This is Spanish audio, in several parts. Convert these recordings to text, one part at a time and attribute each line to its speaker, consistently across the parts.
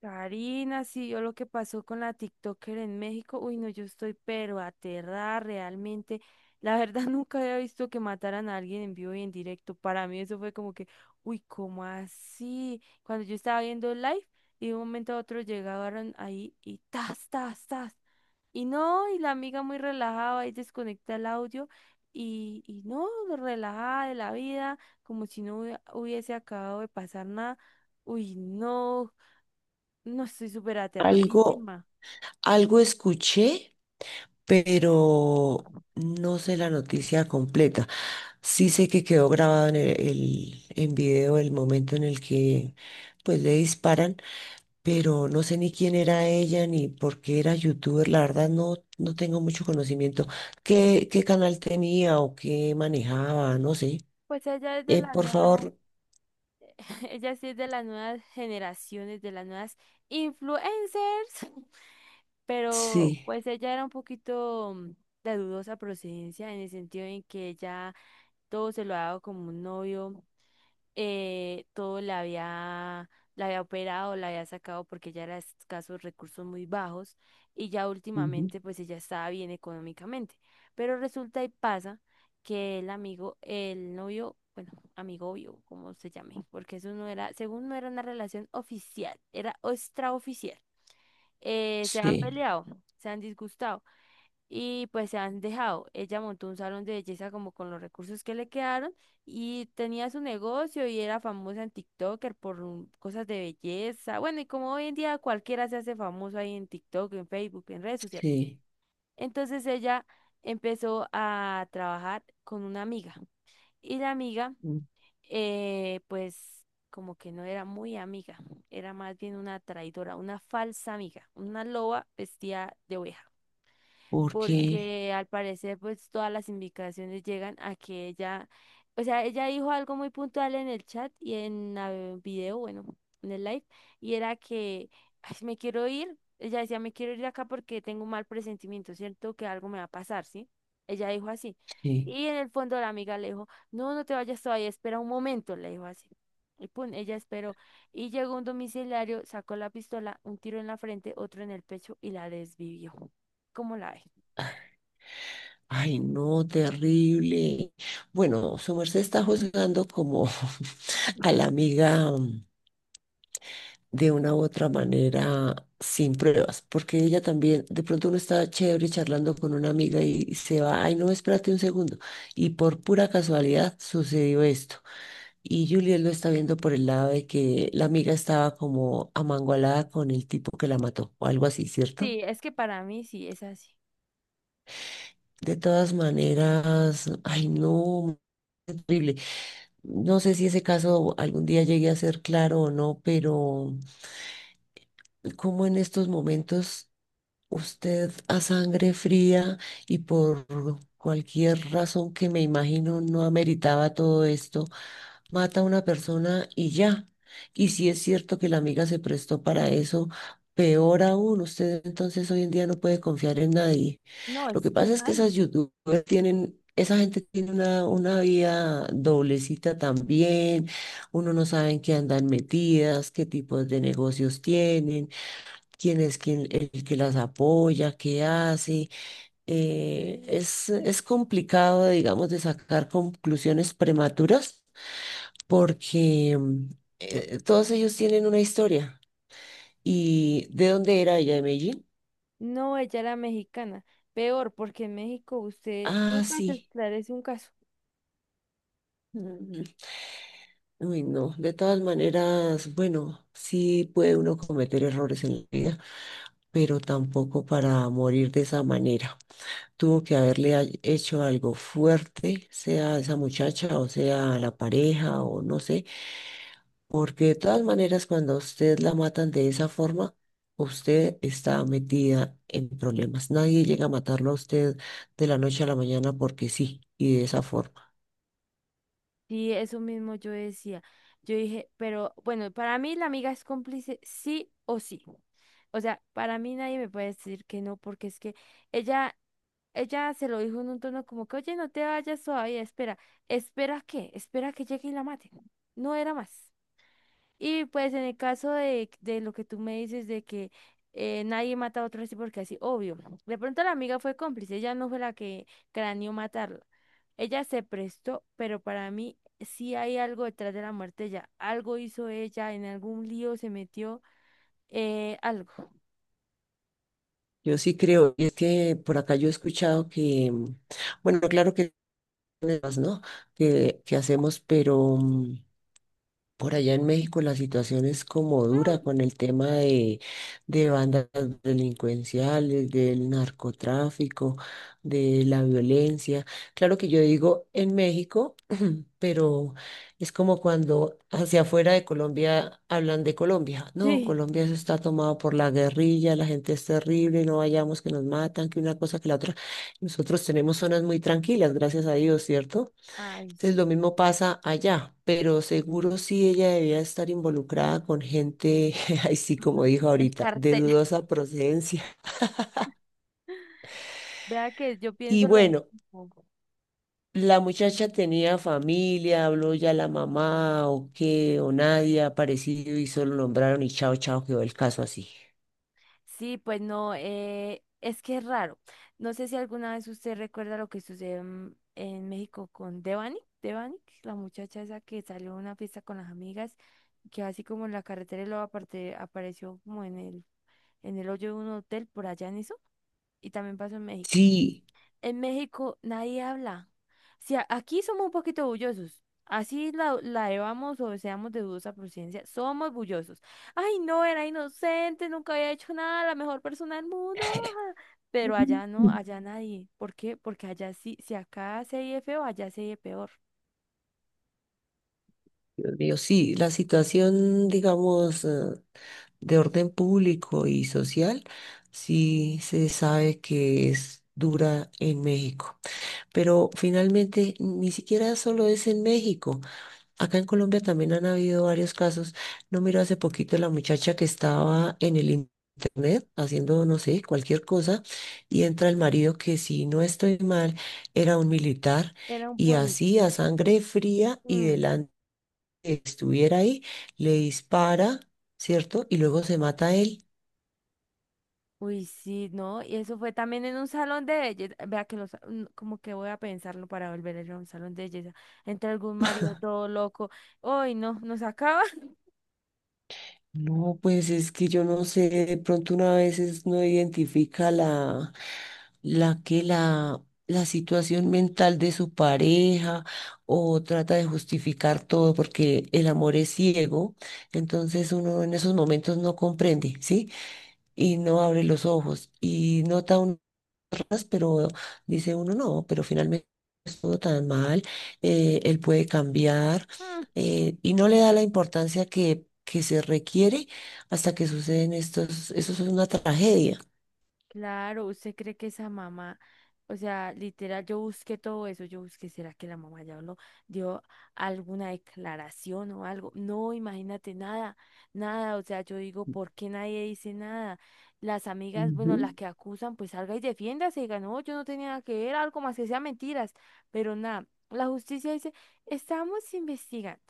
Speaker 1: Karina, sí, yo lo que pasó con la TikToker en México, uy, no, yo estoy pero aterrada realmente. La verdad, nunca había visto que mataran a alguien en vivo y en directo. Para mí eso fue como que, uy, ¿cómo así? Cuando yo estaba viendo el live y de un momento a otro llegaron ahí y tas, tas, tas. Y no, y la amiga muy relajada ahí desconecta el audio y no, relajada de la vida, como si no hubiese acabado de pasar nada. Uy, no. No, estoy súper
Speaker 2: Algo,
Speaker 1: aterradísima.
Speaker 2: algo escuché, pero no sé la noticia completa. Sí sé que quedó grabado en en video el momento en el que pues le disparan, pero no sé ni quién era ella ni por qué era youtuber. La verdad no tengo mucho conocimiento. ¿Qué canal tenía o qué manejaba? No sé.
Speaker 1: Pues ella es de la
Speaker 2: Por
Speaker 1: nueva,
Speaker 2: favor,
Speaker 1: ella sí es de las nuevas generaciones, de las nuevas influencers, pero
Speaker 2: sí,
Speaker 1: pues ella era un poquito de dudosa procedencia en el sentido en que ella todo se lo ha dado como un novio, todo la había operado, la había sacado porque ella era de escasos recursos muy bajos y ya
Speaker 2: ujú,
Speaker 1: últimamente pues ella estaba bien económicamente. Pero resulta y pasa que el amigo, el novio, bueno, amigo obvio, como se llame, porque eso no era, según no era una relación oficial, era extraoficial. Se han
Speaker 2: sí,
Speaker 1: peleado, se han disgustado y pues se han dejado. Ella montó un salón de belleza como con los recursos que le quedaron y tenía su negocio y era famosa en TikToker por cosas de belleza. Bueno, y como hoy en día cualquiera se hace famoso ahí en TikTok, en Facebook, en redes sociales.
Speaker 2: sí.
Speaker 1: Entonces ella empezó a trabajar con una amiga y la amiga, pues como que no era muy amiga, era más bien una traidora, una falsa amiga, una loba vestida de oveja,
Speaker 2: ¿Por qué?
Speaker 1: porque al parecer pues todas las indicaciones llegan a que ella, o sea, ella dijo algo muy puntual en el chat y en el video, bueno, en el live, y era que, ay, me quiero ir, ella decía, me quiero ir de acá porque tengo un mal presentimiento, ¿cierto? Que algo me va a pasar, ¿sí? Ella dijo así.
Speaker 2: Sí.
Speaker 1: Y en el fondo la amiga le dijo, no, no te vayas todavía, espera un momento, le dijo así. Y pum, ella esperó. Y llegó un domiciliario, sacó la pistola, un tiro en la frente, otro en el pecho y la desvivió. ¿Cómo la ve?
Speaker 2: Ay, no, terrible. Bueno, su merced está juzgando como a la amiga de una u otra manera sin pruebas, porque ella también, de pronto uno está chévere charlando con una amiga y se va, ay, no, espérate un segundo. Y por pura casualidad sucedió esto. Y Juliet lo está viendo por el lado de que la amiga estaba como amangualada con el tipo que la mató, o algo así, ¿cierto?
Speaker 1: Sí, es que para mí sí es así.
Speaker 2: De todas maneras, ay, no, terrible. No sé si ese caso algún día llegue a ser claro o no, pero como en estos momentos usted a sangre fría y por cualquier razón que me imagino no ameritaba todo esto, mata a una persona y ya. Y si es cierto que la amiga se prestó para eso, peor aún, usted entonces hoy en día no puede confiar en nadie.
Speaker 1: No,
Speaker 2: Lo
Speaker 1: es
Speaker 2: que
Speaker 1: que
Speaker 2: pasa es que esas
Speaker 1: nadie.
Speaker 2: youtubers tienen, esa gente tiene una vida doblecita también, uno no sabe en qué andan metidas, qué tipos de negocios tienen, quién es quien, el que las apoya, qué hace. Es complicado, digamos, de sacar conclusiones prematuras porque todos ellos tienen una historia. ¿Y de dónde era ella? ¿De Medellín?
Speaker 1: No, ella era mexicana. Peor, porque en México usted
Speaker 2: Ah,
Speaker 1: nunca se
Speaker 2: sí.
Speaker 1: esclarece un caso.
Speaker 2: Mm, uy, no. De todas maneras, bueno, sí puede uno cometer errores en la vida, pero tampoco para morir de esa manera. Tuvo que hecho algo fuerte, sea a esa muchacha o sea a la pareja o no sé. Porque de todas maneras, cuando a usted la matan de esa forma, usted está metida en problemas. Nadie llega a matarlo a usted de la noche a la mañana porque sí, y de esa forma.
Speaker 1: Sí, eso mismo yo decía. Yo dije, pero bueno, para mí la amiga es cómplice sí o sí. O sea, para mí nadie me puede decir que no, porque es que ella, ella se lo dijo en un tono como que, oye, no te vayas todavía, espera, espera que llegue y la mate. No era más. Y pues en el caso de lo que tú me dices de que nadie mata a otro así porque así, obvio. De pronto la amiga fue cómplice, ella no fue la que craneó matarla. Ella se prestó, pero para mí sí hay algo detrás de la muerte de ella. Algo hizo ella, en algún lío se metió, algo.
Speaker 2: Yo sí creo, y es que por acá yo he escuchado que, bueno, claro que hay problemas, ¿no? Que hacemos, pero por allá en México la situación es como dura
Speaker 1: Mm.
Speaker 2: con el tema de bandas delincuenciales, del narcotráfico, de la violencia. Claro que yo digo en México, pero es como cuando hacia afuera de Colombia hablan de Colombia. No,
Speaker 1: Sí.
Speaker 2: Colombia eso está tomado por la guerrilla, la gente es terrible, no vayamos que nos matan, que una cosa que la otra. Nosotros tenemos zonas muy tranquilas, gracias a Dios, ¿cierto?
Speaker 1: Ay,
Speaker 2: Entonces lo
Speaker 1: sí.
Speaker 2: mismo pasa allá, pero seguro sí ella debía estar involucrada con gente, ay sí como dijo
Speaker 1: El
Speaker 2: ahorita, de
Speaker 1: cartel.
Speaker 2: dudosa procedencia.
Speaker 1: Vea que yo
Speaker 2: Y
Speaker 1: pienso lo
Speaker 2: bueno,
Speaker 1: mismo.
Speaker 2: la muchacha tenía familia, habló ya la mamá o qué, o nadie ha aparecido y solo nombraron y chao, chao, quedó el caso así.
Speaker 1: Sí, pues no, es que es raro. No sé si alguna vez usted recuerda lo que sucedió en México con Devani, Devani, la muchacha esa que salió a una fiesta con las amigas, que así como en la carretera y luego aparte, apareció como en el hoyo de un hotel por allá en eso, y también pasó en México.
Speaker 2: Sí.
Speaker 1: En México nadie habla. Si aquí somos un poquito bullosos, así la, la llevamos o seamos de dudosa procedencia, somos bullosos. Ay, no, era inocente, nunca había hecho nada, la mejor persona del mundo. Ah". Pero allá no, allá nadie. ¿Por qué? Porque allá sí, si acá se oye feo, allá se oye peor.
Speaker 2: Dios mío, sí, la situación, digamos, de orden público y social, sí se sabe que es dura en México. Pero finalmente, ni siquiera solo es en México. Acá en Colombia también han habido varios casos. No miro hace poquito la muchacha que estaba en internet haciendo, no sé, cualquier cosa, y entra el marido que, si no estoy mal, era un militar.
Speaker 1: Era un
Speaker 2: Y así a
Speaker 1: policía.
Speaker 2: sangre fría y
Speaker 1: Mm.
Speaker 2: delante estuviera ahí, le dispara, ¿cierto? Y luego se mata a él.
Speaker 1: Uy, sí, ¿no? Y eso fue también en un salón de belleza. Vea que los, como que voy a pensarlo para volver a ir a un salón de belleza. Entre algún marido todo loco. Uy, no, nos acaba.
Speaker 2: No, pues es que yo no sé, de pronto una vez no identifica la situación mental de su pareja o trata de justificar todo porque el amor es ciego, entonces uno en esos momentos no comprende, ¿sí? Y no abre los ojos y nota raras, pero dice uno no, pero finalmente no estuvo tan mal, él puede cambiar, y no le da la importancia que se requiere hasta que suceden estos, eso es una tragedia.
Speaker 1: Claro, usted cree que esa mamá, o sea, literal, yo busqué todo eso, yo busqué, ¿será que la mamá ya habló, dio alguna declaración o algo? No, imagínate, nada, nada, o sea, yo digo, ¿por qué nadie dice nada? Las amigas,
Speaker 2: Ujú.
Speaker 1: bueno, las que acusan, pues salga y defiéndase, diga, no, yo no tenía nada que ver, algo más que sea mentiras, pero nada, la justicia dice, estamos investigando.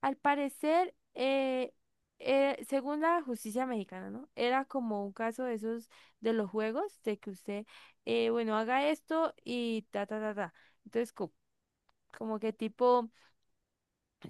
Speaker 1: Al parecer, según la justicia mexicana, ¿no? Era como un caso de esos de los juegos, de que usted, bueno, haga esto y ta, ta, ta, ta. Entonces, como que tipo...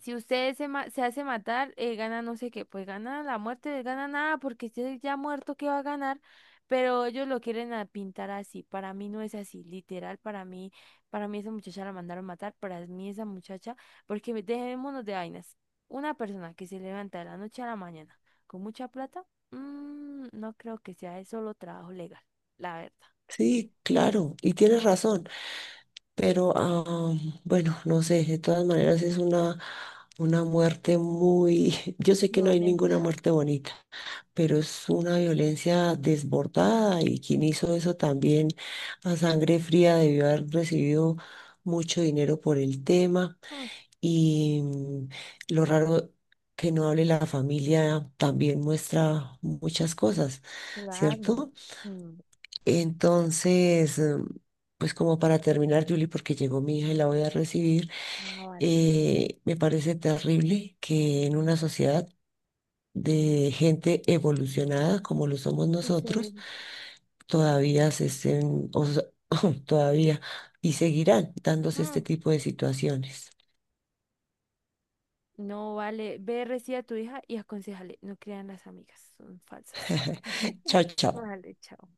Speaker 1: Si usted se, se hace matar, gana no sé qué, pues gana la muerte, gana nada, porque usted ya muerto, ¿qué va a ganar? Pero ellos lo quieren a pintar así. Para mí no es así, literal, para mí esa muchacha la mandaron matar, para mí esa muchacha, porque dejémonos de vainas. Una persona que se levanta de la noche a la mañana con mucha plata, mm, no creo que sea de solo trabajo legal, la verdad.
Speaker 2: Sí, claro, y tienes razón. Pero bueno, no sé, de todas maneras es una muerte muy, yo sé que no hay ninguna
Speaker 1: Violenta.
Speaker 2: muerte bonita, pero es una violencia desbordada y quien hizo eso también a sangre fría debió haber recibido mucho dinero por el tema
Speaker 1: Mm,
Speaker 2: y mm, lo raro que no hable la familia también muestra muchas cosas,
Speaker 1: claro.
Speaker 2: ¿cierto?
Speaker 1: Mm,
Speaker 2: Entonces, pues como para terminar, Julie, porque llegó mi hija y la voy a recibir,
Speaker 1: ah, vale.
Speaker 2: me parece terrible que en una sociedad de gente evolucionada como lo somos nosotros,
Speaker 1: Sucede.
Speaker 2: todavía se estén, o sea, todavía y seguirán dándose este tipo de situaciones.
Speaker 1: No vale, ve, recibe a tu hija y aconsejale, no crean las amigas, son falsas.
Speaker 2: Chao, chao.
Speaker 1: Vale, chao.